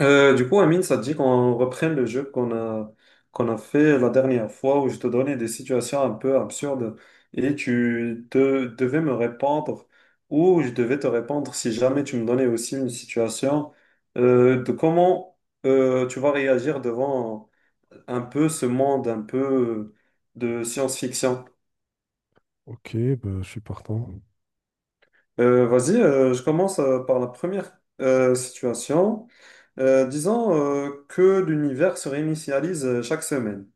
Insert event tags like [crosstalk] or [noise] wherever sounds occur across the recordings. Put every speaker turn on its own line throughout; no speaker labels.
Amine, ça te dit qu'on reprenne le jeu qu'on a fait la dernière fois où je te donnais des situations un peu absurdes et tu devais me répondre ou je devais te répondre si jamais tu me donnais aussi une situation de comment tu vas réagir devant un peu ce monde un peu de science-fiction.
Ok, bah, je suis partant.
Vas-y, je commence par la première situation. Disons que l'univers se réinitialise chaque semaine.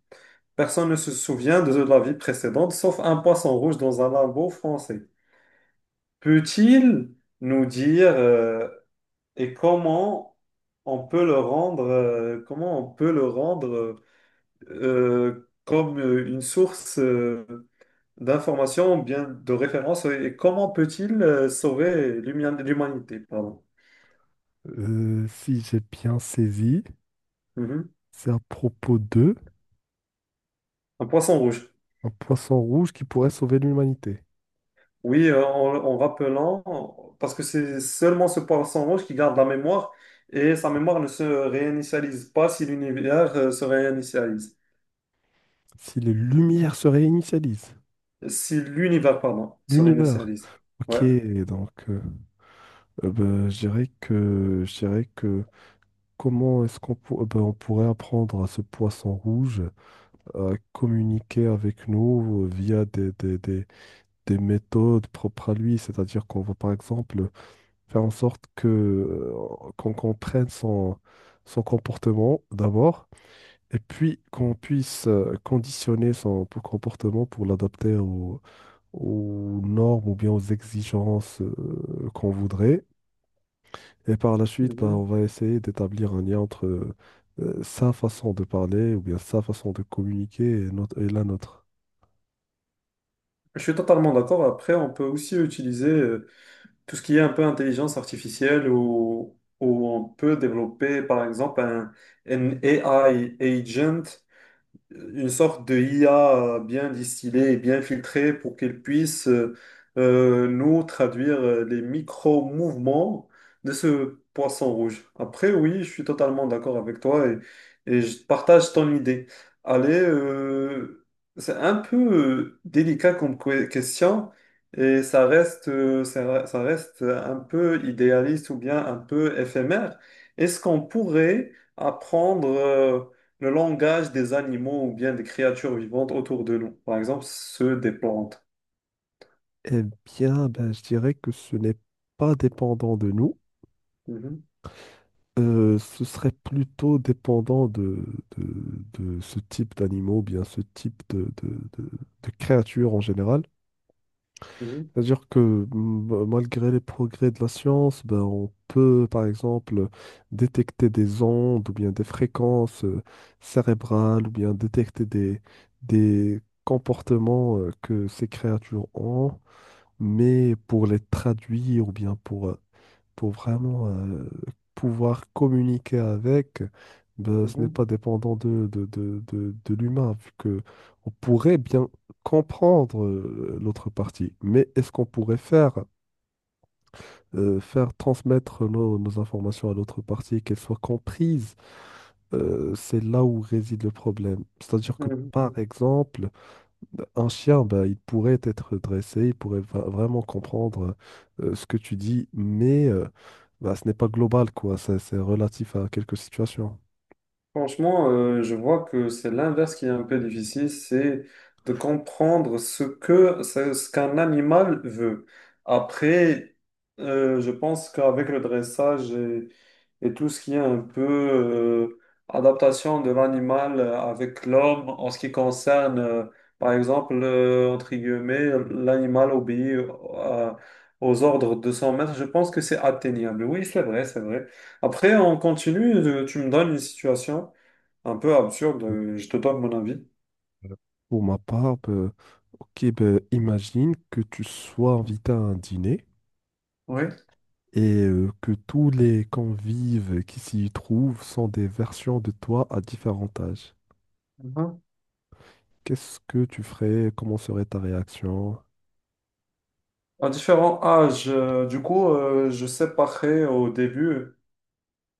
Personne ne se souvient de la vie précédente, sauf un poisson rouge dans un lambeau français. Peut-il nous dire, et comment on peut le rendre, comme une source d'information, bien de référence, et comment peut-il sauver l'humanité, pardon.
Si j'ai bien saisi,
Mhm.
c'est à propos de
Un poisson rouge.
un poisson rouge qui pourrait sauver l'humanité.
Oui, en rappelant, parce que c'est seulement ce poisson rouge qui garde la mémoire et sa mémoire ne se réinitialise pas si l'univers se réinitialise.
Si les lumières se réinitialisent,
Si l'univers, pardon, se
l'univers.
réinitialise.
Ok,
Ouais.
donc bah, je dirais que comment est-ce qu'on pour- bah, on pourrait apprendre à ce poisson rouge à communiquer avec nous via des méthodes propres à lui, c'est-à-dire qu'on va par exemple faire en sorte que qu'on comprenne son, son comportement d'abord, et puis qu'on puisse conditionner son comportement pour l'adapter aux, aux normes ou bien aux exigences qu'on voudrait. Et par la suite, bah, on
Mhm.
va essayer d'établir un lien entre sa façon de parler ou bien sa façon de communiquer et, et la nôtre.
Je suis totalement d'accord. Après, on peut aussi utiliser tout ce qui est un peu intelligence artificielle ou on peut développer, par exemple, un AI agent, une sorte de IA bien distillée et bien filtrée pour qu'elle puisse, nous traduire les micro-mouvements de ce poisson rouge. Après, oui, je suis totalement d'accord avec toi et je partage ton idée. Allez, c'est un peu délicat comme question et ça reste, ça reste un peu idéaliste ou bien un peu éphémère. Est-ce qu'on pourrait apprendre le langage des animaux ou bien des créatures vivantes autour de nous, par exemple ceux des plantes.
Eh bien, ben, je dirais que ce n'est pas dépendant de nous.
Mhm,
Ce serait plutôt dépendant de, de ce type d'animaux, ou bien ce type de- de créatures en général.
mhm,
C'est-à-dire que malgré les progrès de la science, ben, on peut par exemple détecter des ondes ou bien des fréquences cérébrales ou bien détecter des comportements que ces créatures ont, mais pour les traduire ou bien pour vraiment pouvoir communiquer avec, ben, ce n'est
mhm,
pas dépendant de l'humain, vu que on pourrait bien comprendre l'autre partie. Mais est-ce qu'on pourrait faire, faire transmettre nos, nos informations à l'autre partie, qu'elles soient comprises? C'est là où réside le problème. C'est-à-dire que,
mhm.
par exemple, un chien, bah, il pourrait être dressé, il pourrait vraiment comprendre ce que tu dis, mais bah, ce n'est pas global, quoi. C'est relatif à quelques situations.
Franchement, je vois que c'est l'inverse qui est un peu difficile, c'est de comprendre ce que ce ce qu'un animal veut. Après, je pense qu'avec le dressage et tout ce qui est un peu adaptation de l'animal avec l'homme en ce qui concerne, par exemple, entre guillemets, l'animal obéit à- aux ordres de son maître, je pense que c'est atteignable. Oui, c'est vrai, c'est vrai. Après, on continue, tu me donnes une situation un peu absurde, je te donne mon avis.
Euh, Pour ma part, bah, ok, bah, imagine que tu sois invité à un dîner
Oui.
et que tous les convives qui s'y trouvent sont des versions de toi à différents âges.
Mhm.
Qu'est-ce que tu ferais? Comment serait ta réaction?
À différents âges, du coup, je séparais au début,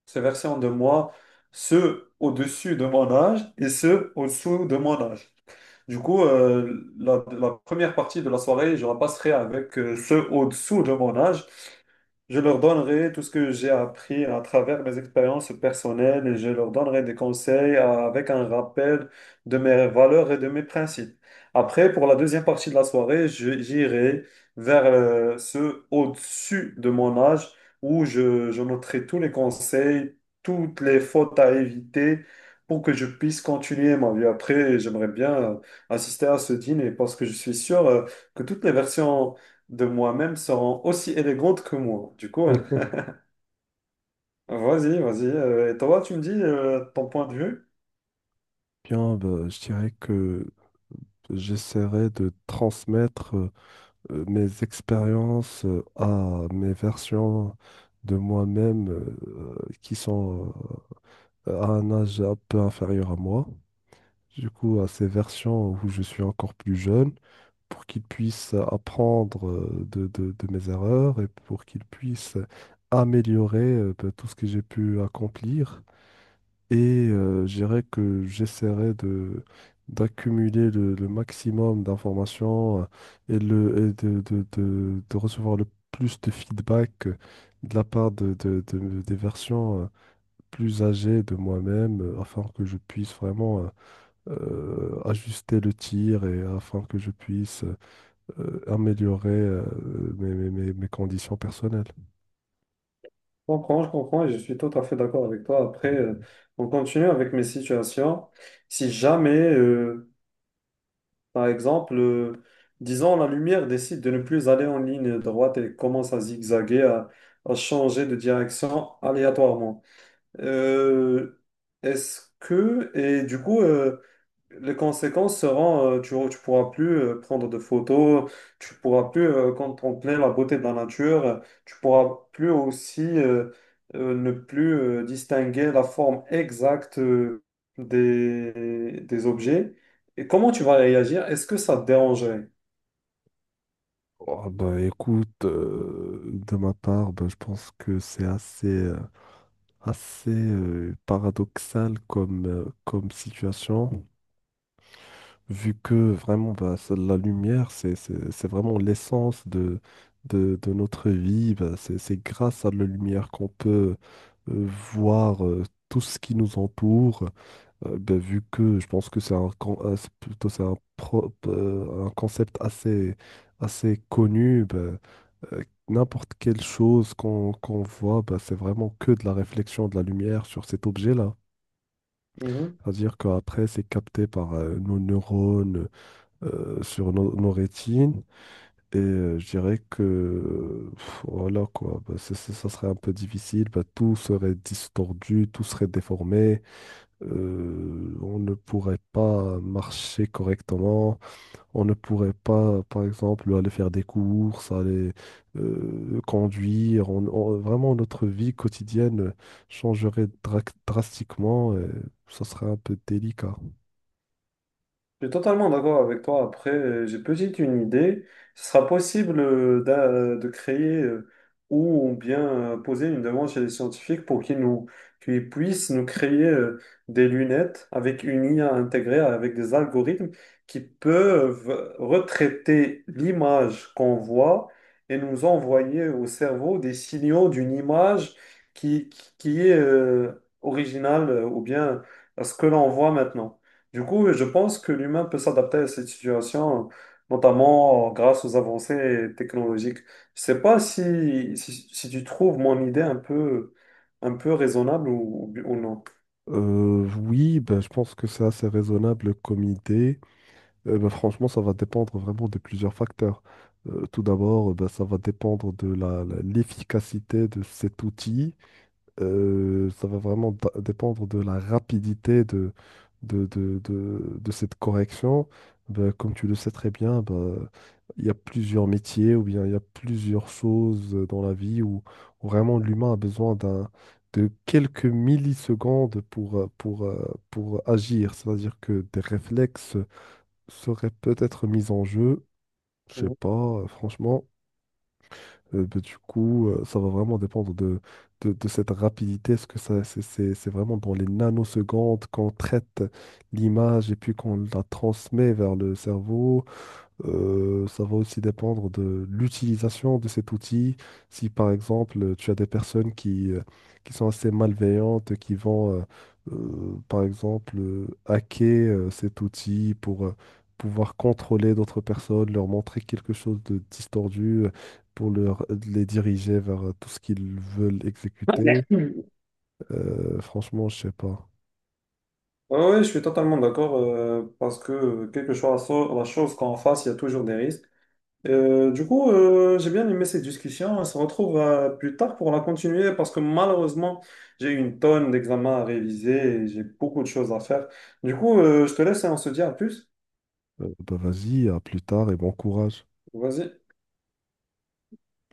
se versant de moi, ceux au-dessus de mon âge et ceux au-dessous de mon âge. Du coup, la première partie de la soirée, je la passerai avec ceux au-dessous de mon âge. Je leur donnerai tout ce que j'ai appris à travers mes expériences personnelles et je leur donnerai des conseils, avec un rappel de mes valeurs et de mes principes. Après, pour la deuxième partie de la soirée, j'irai vers ceux au-dessus de mon âge où je noterai tous les conseils, toutes les fautes à éviter pour que je puisse continuer ma vie. Après, j'aimerais bien euh, assister à ce dîner parce que je suis sûr que toutes les versions de moi-même seront aussi élégantes que moi. Du coup, [laughs]
[laughs]
vas-y, vas-y. Euh, et toi, tu me dis ton point de vue.
Bien, bah, je dirais que J'essaierai de transmettre mes expériences à mes versions de moi-même qui sont à un âge un peu inférieur à moi. Du coup, à ces versions où je suis encore plus jeune, pour qu'ils puissent apprendre de mes erreurs et pour qu'ils puissent améliorer ben, tout ce que j'ai pu accomplir. Et je dirais que j'essaierai de d'accumuler le maximum d'informations et, le, et de recevoir le plus de feedback de la part des versions plus âgées de moi-même afin que je puisse vraiment ajuster le tir et afin que je puisse améliorer mes, mes conditions personnelles.
Je comprends et je suis tout à fait d'accord avec toi. Après, on continue avec mes situations. Si jamais, par exemple, disons, la lumière décide de ne plus aller en ligne droite et commence à zigzaguer, à changer de direction aléatoirement. Euh, est-ce que, et du coup, Les conséquences seront, tu ne pourras plus prendre de photos, tu pourras plus contempler la beauté de la nature, tu pourras plus aussi ne plus distinguer la forme exacte des objets. Et comment tu vas réagir? Est-ce que ça te dérangerait?
Oh, bah, écoute, de ma part, bah, je pense que c'est assez... assez paradoxal comme, comme situation, vu que vraiment bah, la lumière, c'est vraiment l'essence de notre vie. Bah, c'est grâce à la lumière qu'on peut euh, voir tout ce qui nous entoure, ben, vu que je pense que c'est c'est plutôt c'est un concept assez, assez connu, ben, n'importe quelle chose qu'on voit, ben, c'est vraiment que de la réflexion de la lumière sur cet objet-là. C'est-à-dire qu'après, c'est capté par nos neurones sur nos, nos rétines. Et je dirais que pff, voilà quoi, ben, ça serait un peu difficile, ben, tout serait distordu, tout serait déformé on ne pourrait pas marcher correctement, on ne pourrait pas, par exemple, aller faire des courses, aller conduire. Vraiment, notre vie quotidienne changerait drastiquement et ça serait un peu délicat.
Je suis totalement d'accord avec toi. Après, j'ai peut-être une idée. Ce sera possible de créer, ou bien poser une demande chez les scientifiques pour qu'ils puissent nous créer des lunettes avec une IA intégrée, avec des algorithmes qui peuvent retraiter l'image qu'on voit et nous envoyer au cerveau des signaux d'une image qui est originale, ou bien à ce que l'on voit maintenant. Du coup, je pense que l'humain peut s'adapter à cette situation, notamment grâce aux avancées technologiques. Je sais pas si tu trouves mon idée un peu raisonnable ou non.
Oui, ben, je pense que c'est assez raisonnable comme idée. Ben, franchement, ça va dépendre vraiment de plusieurs facteurs. Tout d'abord, ben, ça va dépendre de la, l'efficacité de cet outil. Ça va vraiment dépendre de la rapidité de cette correction. Ben, comme tu le sais très bien, ben, il y a plusieurs métiers ou bien il y a plusieurs choses dans la vie où, où vraiment l'humain a besoin d'un, de quelques millisecondes pour agir. C'est-à-dire que des réflexes seraient peut-être mis en jeu. Je sais pas, franchement. Bah, du coup, ça va vraiment dépendre de cette rapidité. Est-ce que ça, c'est vraiment dans les nanosecondes qu'on traite l'image et puis qu'on la transmet vers le cerveau? Ça va aussi dépendre de l'utilisation de cet outil. Si par exemple tu as des personnes qui sont assez malveillantes, qui vont par exemple hacker cet outil pour pouvoir contrôler d'autres personnes, leur montrer quelque chose de distordu pour leur, les diriger vers tout ce qu'ils veulent exécuter, franchement, je sais pas.
Oui, je suis totalement d'accord, parce que quelque chose, la chose qu'on fasse, il y a toujours des risques. Du coup, j'ai bien aimé cette discussion. On se retrouve plus tard pour la continuer parce que malheureusement, j'ai une tonne d'examens à réviser et j'ai beaucoup de choses à faire. Du coup, je te laisse et on se dit à plus.
Bah vas-y, à plus tard et bon courage.
Vas-y.